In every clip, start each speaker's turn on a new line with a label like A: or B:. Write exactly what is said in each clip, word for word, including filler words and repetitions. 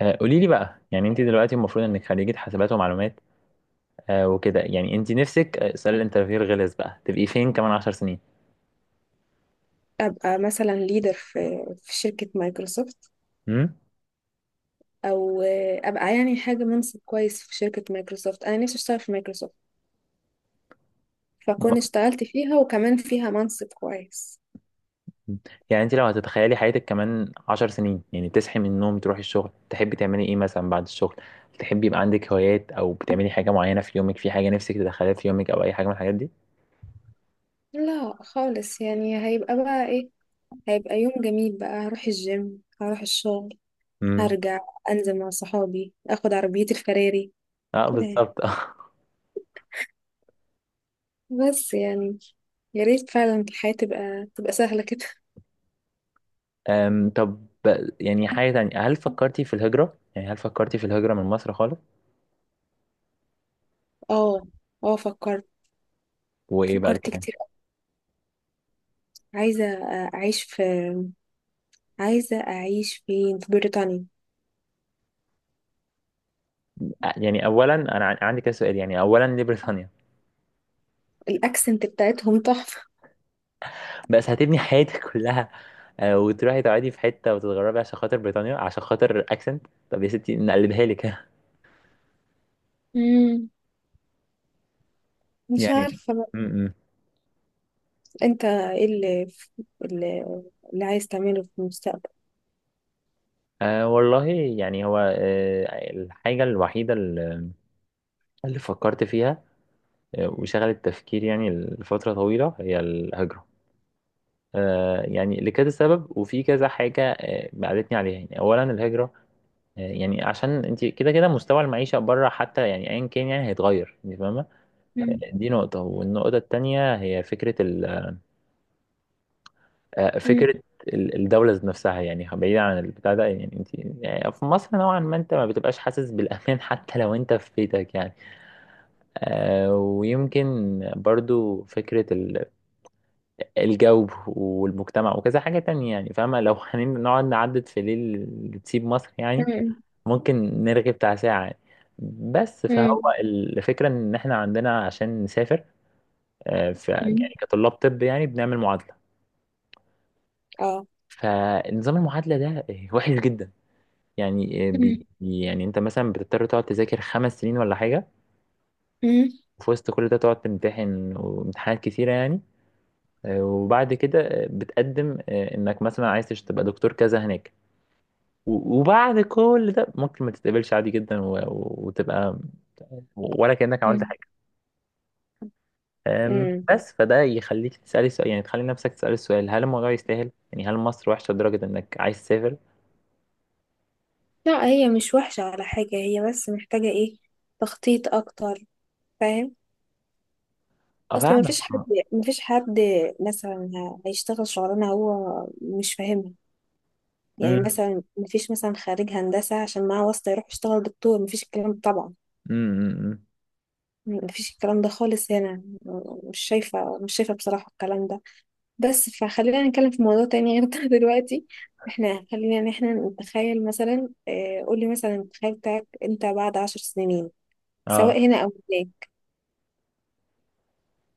A: آه، قولي لي بقى، يعني انت دلوقتي المفروض انك خريجة حاسبات ومعلومات. آه، وكده، يعني انت نفسك، آه، سؤال الانترفيو الغلس بقى، تبقي فين كمان عشر سنين؟
B: ابقى مثلا ليدر في في شركة مايكروسوفت،
A: امم.
B: او ابقى يعني حاجة منصب كويس في شركة مايكروسوفت. انا نفسي اشتغل في مايكروسوفت، فكون اشتغلت فيها وكمان فيها منصب كويس.
A: يعني انت لو هتتخيلي حياتك كمان عشر سنين، يعني تصحي من النوم، تروحي الشغل، تحبي تعملي ايه مثلا بعد الشغل؟ تحبي يبقى عندك هوايات او بتعملي حاجة معينة في يومك، في حاجة نفسك تدخليها في يومك او اي حاجة من الحاجات دي؟
B: لا خالص، يعني هيبقى بقى ايه؟ هيبقى يوم جميل بقى، هروح الجيم، هروح الشغل،
A: امم،
B: هرجع، انزل مع صحابي، اخد عربيتي الفراري
A: اه
B: كده يعني.
A: بالظبط.
B: بس يعني يا ريت فعلا الحياة تبقى تبقى سهلة كده.
A: أم، طب، يعني حاجة تانية، هل فكرتي في الهجرة؟ يعني هل فكرتي في الهجرة من مصر خالص؟
B: اه، اه، فكرت.
A: وايه بقى
B: فكرت
A: الكلام؟
B: كتير. عايزة أعيش في عايزة أعيش فين؟ في بريطانيا.
A: يعني اولا انا عن- عندي كذا سؤال. يعني اولا، ليه بريطانيا؟
B: الأكسنت بتاعتهم تحفة.
A: بس هتبني حياتك كلها؟ آه، وتروحي تقعدي في حته وتتغربي عشان خاطر بريطانيا، عشان خاطر اكسنت؟ طب يا ستي نقلبها لك.
B: امم مش
A: يعني
B: عارفة بقى.
A: م -م.
B: أنت إيه اللي, اللي, اللي عايز تعمله في المستقبل؟
A: أه والله. يعني هو أه الحاجه الوحيده اللي اللي فكرت فيها، آه، وشغلت تفكيري يعني لفتره طويله، هي الهجره. أه، يعني لكذا سبب وفي كذا حاجه آه، بعدتني عليها. يعني اولا الهجره، يعني عشان انت كده كده مستوى المعيشة بره، حتى يعني ايا كان، يعني هيتغير، انت فاهمة.
B: مم.
A: دي نقطة، والنقطة التانية هي فكرة ال آه،
B: مم.
A: فكرة ال- الدولة ذات نفسها. يعني بعيدا عن البتاع ده، يعني انت يعني في مصر نوعا ما انت ما بتبقاش حاسس بالأمان حتى لو انت في بيتك، يعني آه، ويمكن برضو فكرة ال- الجو والمجتمع، وكذا حاجة تانية. يعني فاهمة، لو هنقعد نعدد في ليل تسيب مصر، يعني
B: مم.
A: ممكن نرغي بتاع ساعة يعني. بس فهو
B: مم.
A: الفكرة إن إحنا عندنا عشان نسافر، آه، ف
B: مم.
A: يعني كطلاب طب، يعني بنعمل معادلة.
B: اه.
A: فنظام المعادلة ده آه، وحش جدا. يعني آه، بي
B: مم.
A: يعني أنت مثلا بتضطر تقعد تذاكر خمس سنين ولا حاجة،
B: مم.
A: وفي وسط كل ده تقعد تمتحن وامتحانات كتيرة يعني. آه، وبعد كده آه، بتقدم آه، إنك مثلا عايز تش- تبقى دكتور كذا هناك، و- وبعد كل ده ممكن ما تتقبلش عادي جدا، و- و- وتبقى ولا كأنك عملت.
B: مم.
A: أم،
B: امم
A: بس فده يخليك تسألي سؤال، يعني تخلي نفسك تسألي السؤال، هل الموضوع يستاهل؟ يعني هل مصر وحشة لدرجة إنك عايز تسافر؟
B: لا، هي مش وحشة ولا حاجة، هي بس محتاجة إيه؟ تخطيط أكتر. فاهم؟ أصل
A: أفهمك
B: مفيش حد
A: أه.
B: مفيش حد مثلا هيشتغل شغلانة هو مش فاهمها. يعني
A: أمم،
B: مثلا مفيش مثلا خريج هندسة عشان معاه واسطة يروح يشتغل دكتور، مفيش الكلام ده طبعا.
A: أمم، أمم.
B: مفيش الكلام ده خالص هنا. مش شايفة مش شايفة بصراحة الكلام ده. بس فخلينا نتكلم في موضوع تاني غير ده دلوقتي. احنا خلينا ان احنا نتخيل، مثلا اه قولي مثلا التخيل بتاعك انت بعد عشر سنين، سواء
A: أه،
B: هنا او هناك.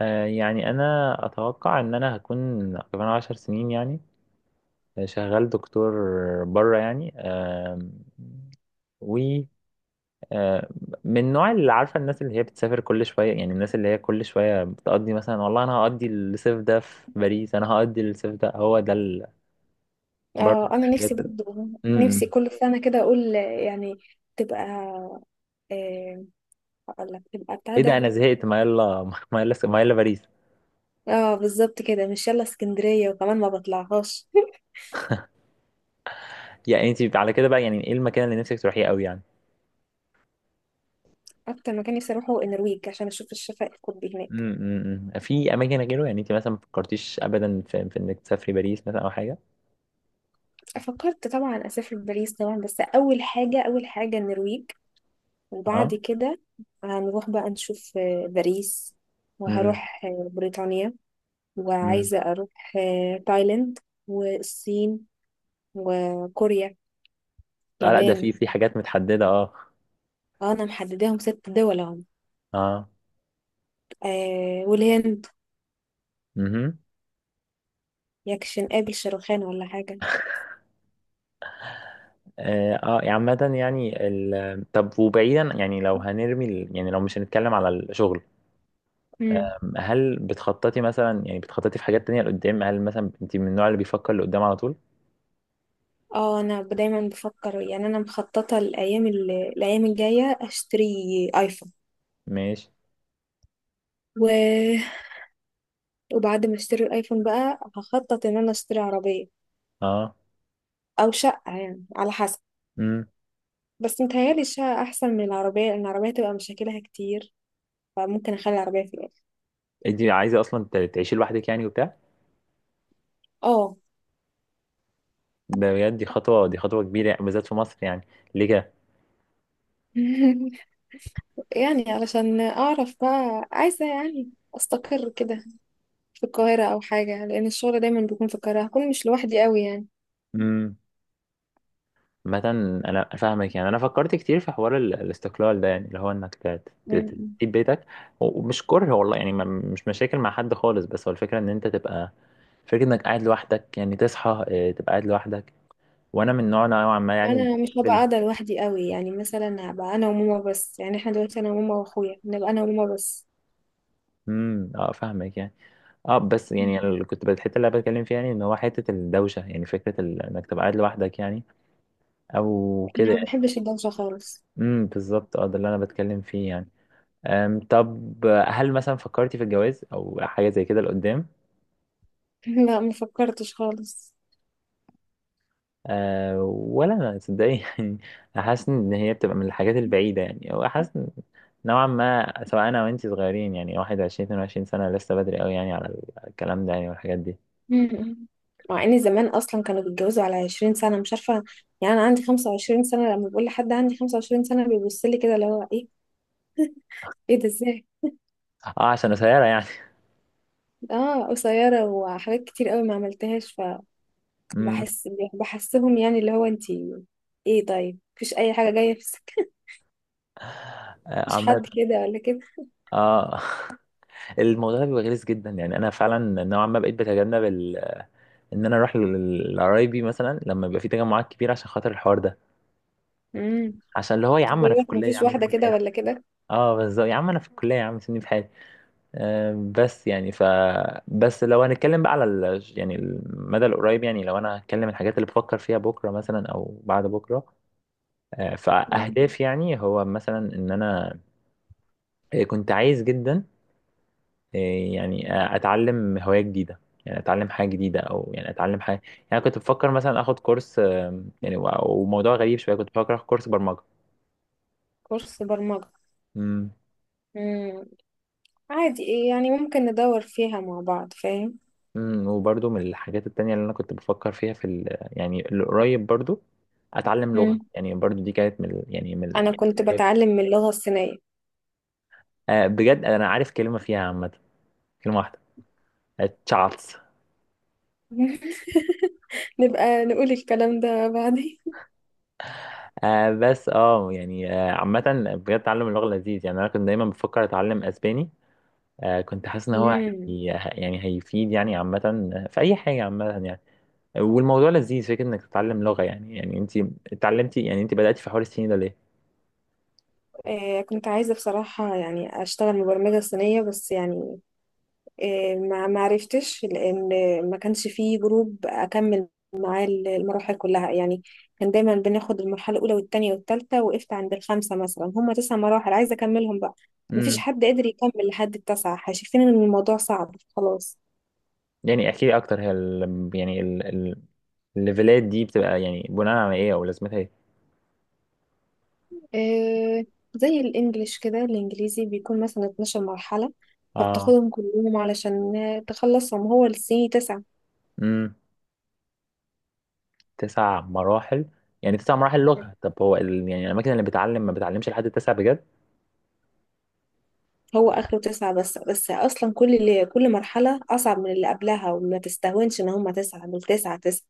A: آه، يعني أنا أتوقع إن أنا هكون كمان عشر سنين، يعني آه، شغال دكتور بره. يعني أم، و آه، من النوع اللي عارفه، الناس اللي هي بتسافر كل شويه، يعني الناس اللي هي كل شويه بتقضي، مثلا والله انا هقضي الصيف ده في باريس، انا هقضي الصيف ده، هو ده ال... برضه.
B: اه، انا نفسي برضه، نفسي
A: امم.
B: كل سنة كده اقول آه، يعني تبقى، اه، هقول لك تبقى بتاع
A: ايه ده
B: ده.
A: انا زهقت، ما يلا ما يلا ما يلا باريس.
B: اه بالظبط كده، مش يلا اسكندرية وكمان ما بطلعهاش.
A: يعني انت على كده بقى، يعني ايه المكان اللي نفسك تروحيه قوي يعني؟
B: اكتر مكان نفسي اروحه النرويج، عشان اشوف الشفق القطبي هناك.
A: امم، أمم. في اماكن غيره، يعني انت مثلا ما فكرتيش ابدا في, في انك تسافري باريس مثلا او حاجه؟
B: فكرت طبعا اسافر باريس طبعا، بس اول حاجه، اول حاجه النرويج، وبعد
A: اه.
B: كده هنروح بقى نشوف آه، باريس،
A: امم،
B: وهروح آه، بريطانيا،
A: امم.
B: وعايزه اروح آه، تايلاند، والصين، وكوريا،
A: آه لا، ده
B: يابان.
A: في في حاجات متحدده اه.
B: آه، انا محدداهم ست دول اهو.
A: اه.
B: آه والهند.
A: امم.
B: يكشن قابل شاروخان ولا حاجه.
A: اه. آه، يعني عامه، يعني ال... آه، طب، وبعيدا يعني لو هنرمي ال... يعني لو مش هنتكلم على الشغل. آم، هل بتخططي مثلا، يعني بتخططي في حاجات تانية لقدام؟ هل مثلا انت من النوع اللي بيفكر لقدام على طول؟
B: اه، انا ب- دايما بفكر. يعني انا مخططه الايام ال- الايام الجايه اشتري ايفون
A: ماشي.
B: و... وبعد ما اشتري الايفون بقى هخطط ان انا اشتري عربيه
A: اه.
B: او شقه، يعني على حسب.
A: امم.
B: بس متهيالي الشقه احسن من العربيه، لان العربيه تبقى مشاكلها كتير، فممكن اخلي العربيه في الاخر.
A: انت عايزه اصلا ت- تعيشي لوحدك يعني وبتاع
B: اه
A: ده؟ بجد دي خطوه، دي خطوه كبيره يعني، بالذات في مصر يعني. ليه كده؟
B: يعني علشان اعرف بقى، عايزه يعني استقر كده في القاهره او حاجه، لان الشغل دايما بيكون في القاهره، هكون مش لوحدي قوي.
A: امم. مثلا انا فاهمك، يعني انا فكرت كتير في حوار ال- الاستقلال ده، يعني اللي هو انك ت- ت- ت-
B: يعني
A: تسيب بيتك، و- ومش كره والله يعني، ما- مش مشاكل مع حد خالص، بس هو الفكره ان انت تبقى، فكره انك قاعد لوحدك، يعني تصحى آه، تبقى قاعد لوحدك. وانا من نوع نوعا ما، يعني اللي
B: انا مش
A: بيحب
B: هبقى
A: ال-
B: قاعده لوحدي قوي، يعني مثلا هبقى انا وماما بس، يعني احنا دلوقتي انا وماما واخويا، نبقى انا وماما بس.
A: امم، اه فاهمك يعني. اه بس
B: مم.
A: يعني اللي كنت الحته اللي انا بتكلم فيها، يعني ان هو حته الدوشه، يعني فكره ال- انك تبقى قاعد لوحدك يعني، او كده
B: انا ما
A: يعني.
B: بحبش الدوشه خالص.
A: امم، بالظبط، اه ده اللي انا بتكلم فيه يعني. أم طب، آه، هل مثلا فكرتي في الجواز او حاجه زي كده لقدام؟
B: لا، ما فكرتش خالص.
A: أه ولا انا تصدقي يعني. حاسس ان هي بتبقى من الحاجات البعيده، يعني او حاسس إن نوعا ما، سواء انا وانتي صغيرين، يعني واحد وعشرين اتنين وعشرين سنه لسه بدري قوي يعني على الكلام ده، يعني والحاجات دي.
B: مم. مع ان زمان اصلا كانوا بيتجوزوا على عشرين سنة سنه مش عارفه. يعني انا عندي خمسة وعشرين سنة سنه، لما بقول لحد عندي خمسة وعشرين سنة سنه بيبص لي كده، اللي هو ايه؟ ايه ده ازاي؟
A: اه عشان قصيره يعني.
B: اه قصيره، وحاجات كتير قوي ما عملتهاش.
A: امم.
B: فبحس، بحسهم يعني اللي هو انتي ايه؟ طيب مفيش اي حاجه جايه في السكه؟
A: آه،
B: مفيش
A: عمال.
B: حد كده ولا كده؟
A: اه. الموضوع ده بيبقى غلس جدا، يعني انا فعلا نوعا ما بقيت بتجنب ان انا اروح لل- لقرايبي مثلا لما يبقى في تجمعات كبيره، عشان خاطر الحوار ده.
B: مم.
A: عشان اللي هو يا عم
B: بقول
A: انا في
B: لك
A: الكليه، يا
B: مفيش
A: عم
B: واحدة
A: سيبني في
B: كده
A: حالي.
B: ولا كده.
A: اه بالظبط، يا عم انا في الكليه، يا عم سيبني في حالي. آه بس يعني ف بس لو هنتكلم بقى على ال... يعني المدى القريب، يعني لو انا هتكلم الحاجات اللي بفكر فيها بكره مثلا او بعد بكره، آه
B: مم.
A: فاهداف، يعني هو مثلا ان انا آه، كنت عايز جدا إيه يعني، آه، اتعلم هواية جديدة، يعني اتعلم حاجة جديدة او يعني اتعلم حاجة. يعني كنت بفكر مثلا اخد كورس، آم، يعني و- وموضوع غريب شوية، كنت بفكر اخد كورس برمجة.
B: كورس برمجة؟
A: امم.
B: مم. عادي، إيه يعني؟ ممكن ندور فيها مع بعض، فاهم؟
A: امم، وبرضو من الحاجات التانية اللي انا كنت بفكر فيها في ال يعني القريب برضو، اتعلم
B: مم.
A: لغة. يعني برضو دي كانت من ال- يعني من
B: أنا كنت
A: الحاجات،
B: بتعلم من اللغة الصينية.
A: آه، بجد انا عارف كلمة فيها عامة، كلمة واحدة: تشاتس.
B: نبقى نقول الكلام ده بعدين.
A: آه بس اه يعني آه عامة، بجد تعلم اللغة لذيذ يعني، انا كنت دايما بفكر اتعلم اسباني. آه، كنت حاسس ان هو
B: مم.
A: هي... يعني هيفيد يعني عامة، في اي حاجة عامة يعني، والموضوع لذيذ فكرة انك تتعلم لغة يعني يعني انت اتعلمتي، يعني انت بدأتي في حوار الصيني ده ليه؟
B: آه كنت عايزة بصراحة يعني أشتغل مبرمجة صينية، بس يعني آه، ما ما عرفتش، لان ما كانش فيه جروب اكمل معاه المراحل كلها يعني. كان دايما بناخد المرحله الاولى والثانيه والثالثه، وقفت عند الخمسه مثلا. هم تسع مراحل عايزه اكملهم بقى. ما فيش
A: امم.
B: حد قادر يكمل لحد التاسعه، شايفين ان الموضوع صعب خلاص.
A: يعني احكي لي اكتر، هي ال... يعني ال... ال... الليفلات دي بتبقى يعني بناء على ايه، او لازمتها ايه؟
B: آه، زي الانجليش كده، الانجليزي بيكون مثلا اتناشر مرحلة مرحله،
A: اه.
B: فبتاخدهم كلهم علشان تخلصهم، هو السي تسعة.
A: امم. تسع مراحل. يعني تسع مراحل لغة؟ طب هو ال... يعني الاماكن اللي بتعلم ما بتعلمش لحد التسع بجد؟
B: هو اخره تسعة، بس بس اصلا كل اللي كل مرحلة اصعب من اللي قبلها، وما تستهونش ان هما تسعة، دول تسعة تسعة.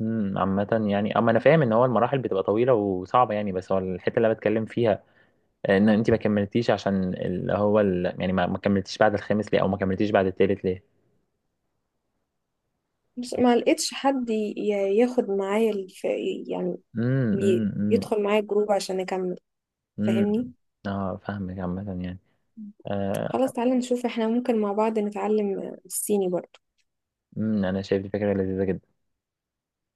A: امم. عامة يعني، اما انا فاهم ان هو المراحل بتبقى طويلة وصعبة يعني، بس هو الحتة اللي أنا بتكلم فيها ان انت ما كملتيش، عشان اللي هو ال... يعني ما ما كملتيش بعد الخامس ليه، او ما كملتيش بعد التالت ليه؟
B: مش ما لقيتش حد ي- ي- ياخد معايا الف... يعني
A: امم،
B: ي-
A: امم، امم،
B: يدخل معايا الجروب عشان اكمل.
A: إمم.
B: فاهمني؟
A: اه فاهمك عامة يعني. آه
B: خلاص تعالى نشوف احنا ممكن مع بعض نتعلم الصيني برضه.
A: امم انا شايف دي فكرة لذيذة جدا.